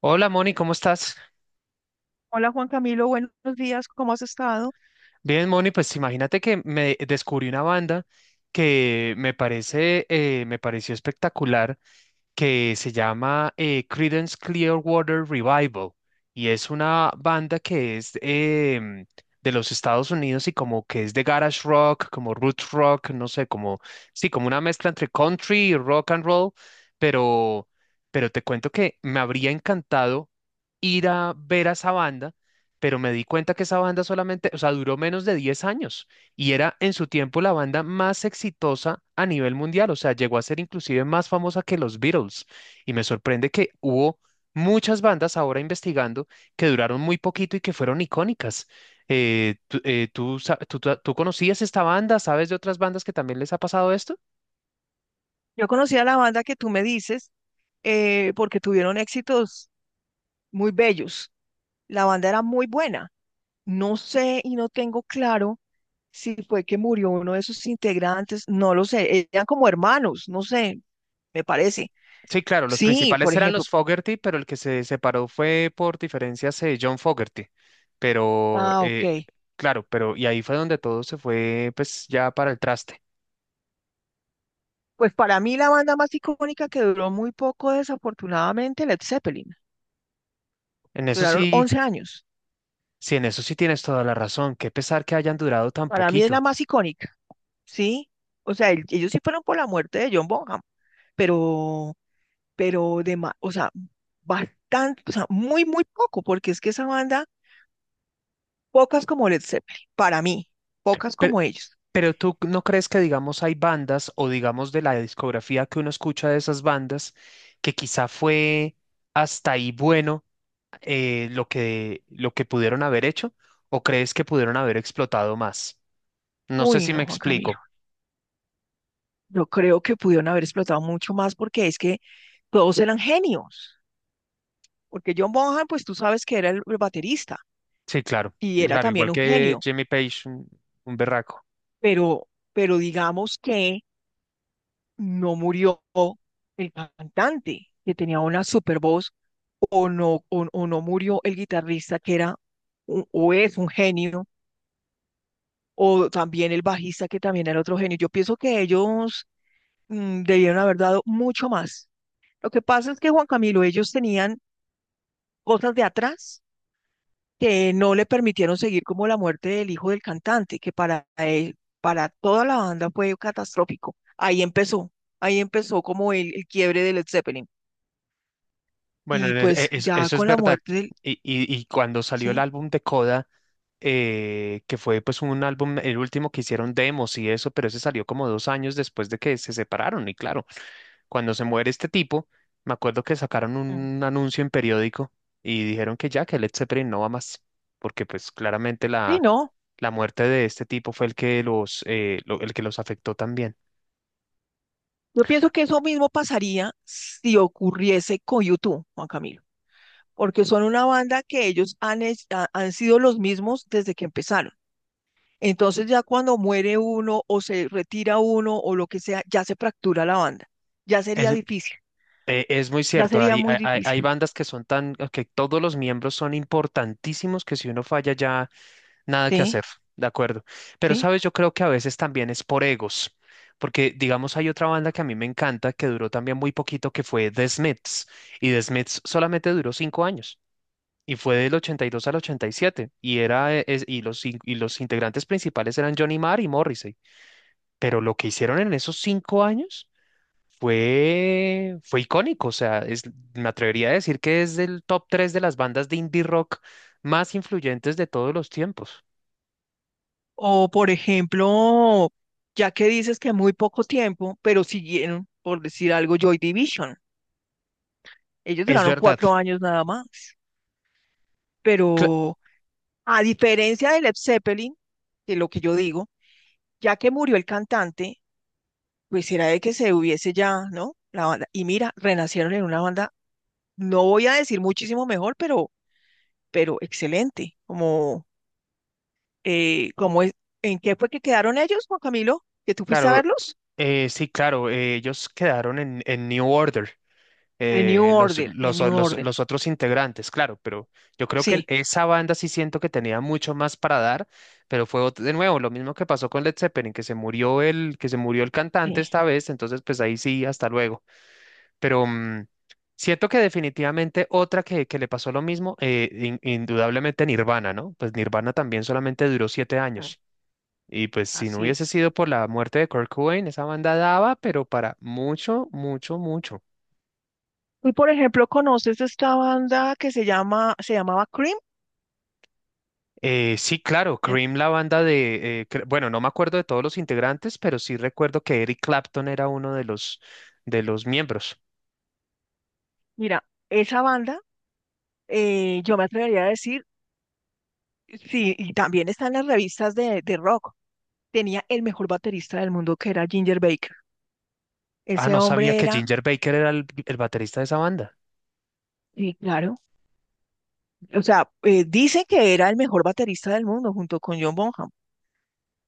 Hola Moni, ¿cómo estás? Hola Juan Camilo, buenos días, ¿cómo has estado? Bien, Moni, pues imagínate que me descubrí una banda que me parece, me pareció espectacular que se llama Creedence Clearwater Revival y es una banda que es em, de los Estados Unidos y como que es de garage rock, como roots rock, no sé, como sí, como una mezcla entre country y rock and roll, pero pero te cuento que me habría encantado ir a ver a esa banda, pero me di cuenta que esa banda solamente, o sea, duró menos de 10 años. Y era en su tiempo la banda más exitosa a nivel mundial, o sea, llegó a ser inclusive más famosa que los Beatles. Y me sorprende que hubo muchas bandas ahora investigando que duraron muy poquito y que fueron icónicas. Tú, tú conocías esta banda? ¿Sabes de otras bandas que también les ha pasado esto? Yo conocí a la banda que tú me dices porque tuvieron éxitos muy bellos. La banda era muy buena. No sé y no tengo claro si fue que murió uno de sus integrantes, no lo sé. Eran como hermanos, no sé, me parece. Sí, claro, los Sí, por principales eran ejemplo. los Fogerty, pero el que se separó fue por diferencias John Fogerty. Pero, Ah, ok. eh, claro, pero y ahí fue donde todo se fue, pues ya para el traste. Pues para mí la banda más icónica que duró muy poco, desafortunadamente, Led Zeppelin. En eso Duraron sí, 11 años. sí, en eso sí tienes toda la razón. Qué pesar que hayan durado tan Para mí es poquito. la más icónica. Sí, o sea, ellos sí fueron por la muerte de John Bonham, pero, pero o sea, bastante, o sea, muy, muy poco, porque es que esa banda, pocas como Led Zeppelin, para mí, pocas Pero, como ellos. pero tú no crees que, digamos, hay bandas o, digamos, de la discografía que uno escucha de esas bandas que quizá fue hasta ahí bueno lo que pudieron haber hecho o crees que pudieron haber explotado más. No sé Uy, si me no, Juan Camilo, explico. yo creo que pudieron haber explotado mucho más porque es que todos eran genios, porque John Bonham, pues tú sabes que era el baterista Sí, claro, y era claro, también igual un que genio, Jimmy Page, un berraco. pero, pero digamos que no murió el cantante que tenía una super voz o no, o no murió el guitarrista que era o es un genio o también el bajista que también era otro genio. Yo pienso que ellos debieron haber dado mucho más. Lo que pasa es que Juan Camilo, ellos tenían cosas de atrás que no le permitieron seguir como la muerte del hijo del cantante, que para él, para toda la banda fue catastrófico. Ahí empezó como el quiebre del Led Zeppelin. Bueno, Y pues ya eso es con la verdad. muerte del. Y cuando salió el Sí. álbum de Coda, que fue pues un álbum, el último que hicieron demos y eso, pero ese salió como dos años después de que se separaron. Y claro, cuando se muere este tipo, me acuerdo que sacaron Mm. un anuncio en periódico y dijeron que ya, que Led Zeppelin no va más, porque pues claramente Sí, no. la muerte de este tipo fue el que los, el que los afectó también. Yo pienso que eso mismo pasaría si ocurriese con YouTube, Juan Camilo, porque son una banda que ellos han sido los mismos desde que empezaron. Entonces ya cuando muere uno o se retira uno o lo que sea, ya se fractura la banda. Ya Es, sería difícil, es muy ya cierto, sería muy hay difícil. bandas que son tan, que todos los miembros son importantísimos que si uno falla ya nada que ¿Sí? hacer, de acuerdo. Pero, ¿Sí? sabes, yo creo que a veces también es por egos, porque digamos hay otra banda que a mí me encanta, que duró también muy poquito, que fue The Smiths, y The Smiths solamente duró cinco años, y fue del 82 al ochenta y, siete, y, y los integrantes principales eran Johnny Marr y Morrissey, pero lo que hicieron en esos cinco años fue icónico, o sea, es, me atrevería a decir que es del top 3 de las bandas de indie rock más influyentes de todos los tiempos. O por ejemplo, ya que dices que muy poco tiempo, pero siguieron, por decir algo, Joy Division. Ellos Es duraron verdad. 4 años nada más, pero a diferencia de Led Zeppelin, de lo que yo digo, ya que murió el cantante, pues era de que se hubiese ya, ¿no? La banda. Y mira, renacieron en una banda, no voy a decir muchísimo mejor, pero excelente. Como, como es, ¿en qué fue que quedaron ellos, Juan Camilo? ¿Que tú fuiste a Claro, verlos? Sí, claro, ellos quedaron en New Order, En New Order, en New Order. los otros integrantes, claro, pero yo creo que Sí, esa banda sí siento que tenía mucho más para dar, pero de nuevo lo mismo que pasó con Led Zeppelin, que se murió el cantante sí, esta vez, entonces pues ahí sí, hasta luego. Pero siento que definitivamente otra que le pasó lo mismo, indudablemente Nirvana, ¿no? Pues Nirvana también solamente duró siete ah, años. Y pues si no así hubiese es. sido por la muerte de Kurt Cobain, esa banda daba, pero para mucho, mucho, mucho. Tú, por ejemplo, conoces esta banda que se llama, se llamaba Cream. Sí, claro, En- Cream, la banda de, cre- bueno, no me acuerdo de todos los integrantes, pero sí recuerdo que Eric Clapton era uno de los miembros. Mira, esa banda, yo me atrevería a decir, sí, y también está en las revistas de rock. Tenía el mejor baterista del mundo, que era Ginger Baker. Ah, Ese no sabía hombre que era, Ginger Baker era el baterista de esa banda. sí, claro, o sea, dicen que era el mejor baterista del mundo junto con John Bonham,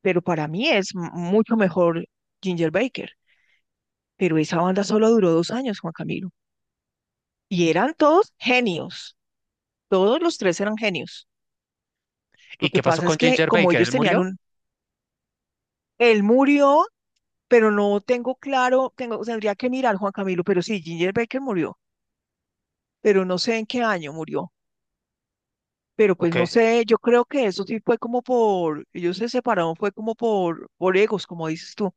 pero para mí es mucho mejor Ginger Baker. Pero esa banda solo duró 2 años, Juan Camilo, y eran todos genios, todos los tres eran genios. Lo ¿Y que qué pasó pasa es con que Ginger como Baker? ellos ¿Él tenían murió? un. Él murió pero no tengo claro, tendría que mirar Juan Camilo, pero sí, Ginger Baker murió, pero no sé en qué año murió. Pero ¿O pues no qué? sé, yo creo que eso sí fue como por, ellos se separaron, fue como por egos, como dices tú,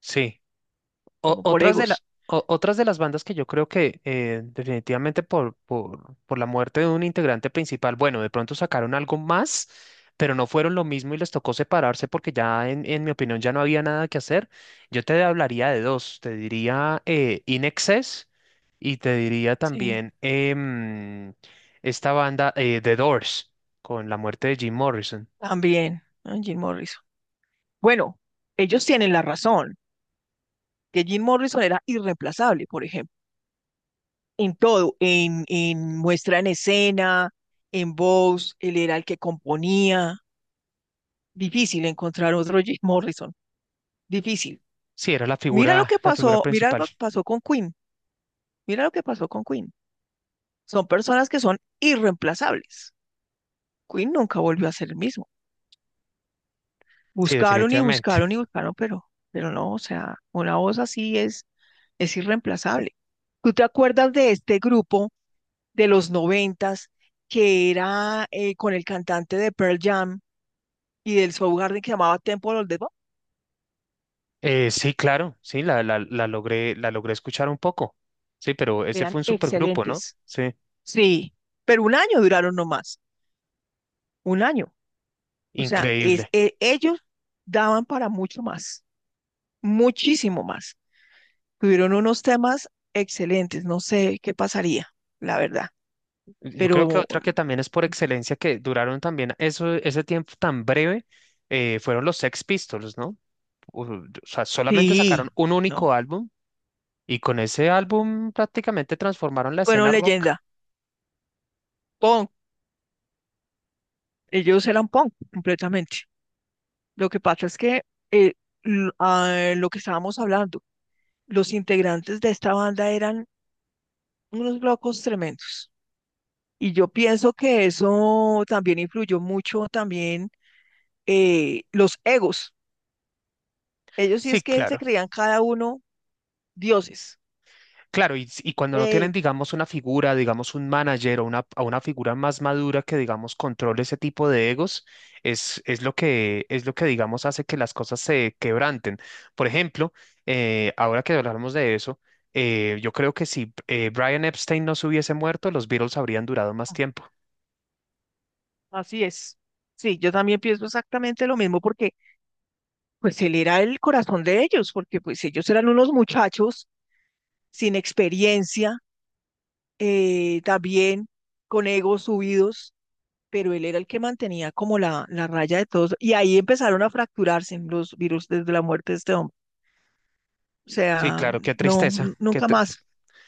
Sí. O- como por otras de la, egos. Otras de las bandas que yo creo que definitivamente por la muerte de un integrante principal, bueno, de pronto sacaron algo más, pero no fueron lo mismo y les tocó separarse porque ya, en mi opinión, ya no había nada que hacer. Yo te hablaría de dos, te diría In Excess y te diría Sí, también esta banda The Doors, con la muerte de Jim Morrison. también, ah, Jim Morrison. Bueno, ellos tienen la razón, que Jim Morrison era irreemplazable, por ejemplo, en todo, en muestra en escena, en voz, él era el que componía. Difícil encontrar otro Jim Morrison, difícil. Sí, era Mira lo que la figura pasó, mira lo principal. que pasó con Queen, mira lo que pasó con Queen. Son personas que son irreemplazables. Queen nunca volvió a ser el mismo. Sí, Buscaron y definitivamente. buscaron y buscaron, pero no, o sea, una voz así es irreemplazable. ¿Tú te acuerdas de este grupo de los noventas que era con el cantante de Pearl Jam y del Soundgarden que llamaba Temple of the Dog? Sí, claro, sí, la logré escuchar un poco. Sí, pero ese Eran fue un supergrupo, ¿no? excelentes. Sí, Sí, pero un año duraron nomás, un año. O sea, increíble. Ellos daban para mucho más, muchísimo más. Tuvieron unos temas excelentes, no sé qué pasaría, la verdad. Yo creo que Pero otra que también es por excelencia que duraron también eso, ese tiempo tan breve, fueron los Sex Pistols, ¿no? O sea, solamente sacaron sí, un único no. álbum y con ese álbum prácticamente transformaron la escena Fueron rock. leyenda, punk. Ellos eran punk completamente. Lo que pasa es que eh, lo que estábamos hablando, los integrantes de esta banda eran unos locos tremendos. Y yo pienso que eso también influyó mucho también los egos. Ellos sí Sí, es que se claro. creían cada uno dioses. Claro, y cuando no Eh, tienen, digamos, una figura, digamos, un manager o una figura más madura que, digamos, controle ese tipo de egos, es lo que, digamos, hace que las cosas se quebranten. Por ejemplo, ahora que hablamos de eso, yo creo que si Brian Epstein no se hubiese muerto, los Beatles habrían durado más tiempo. Así es. Sí, yo también pienso exactamente lo mismo porque pues él era el corazón de ellos, porque pues ellos eran unos muchachos sin experiencia, también con egos subidos, pero él era el que mantenía como la raya de todos. Y ahí empezaron a fracturarse los virus desde la muerte de este hombre. O Sí, sea, claro, qué no, tristeza, qué, nunca más,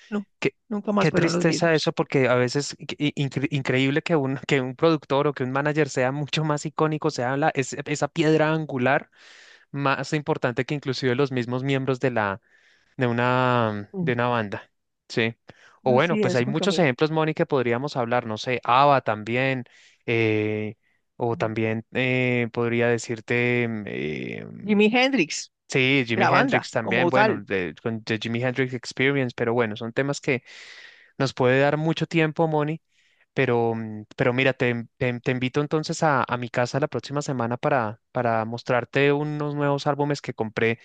no, qué, nunca más qué fueron los tristeza eso, mismos. porque a veces increíble que un, que un productor o que un manager sea mucho más icónico, sea esa piedra angular más importante que inclusive los mismos miembros de la, Mm, de una banda. Sí. O bueno, así pues es, hay Juan muchos Camilo. ejemplos, Moni, que podríamos hablar, no sé, ABBA también, eh, o Mm. también podría decirte, Jimi Hendrix. sí, Jimi La Hendrix banda también, como bueno, tal. de, con The Jimi Hendrix Experience, pero bueno, son temas que nos puede dar mucho tiempo, Moni, pero, pero mira, te invito entonces a mi casa la próxima semana para mostrarte unos nuevos álbumes que compré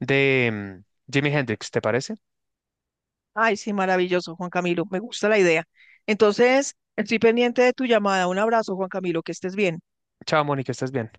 de Jimi Hendrix, ¿te parece? Ay, sí, maravilloso, Juan Camilo, me gusta la idea. Entonces, estoy pendiente de tu llamada. Un abrazo, Juan Camilo, que estés bien. Chao, Moni, que estés bien.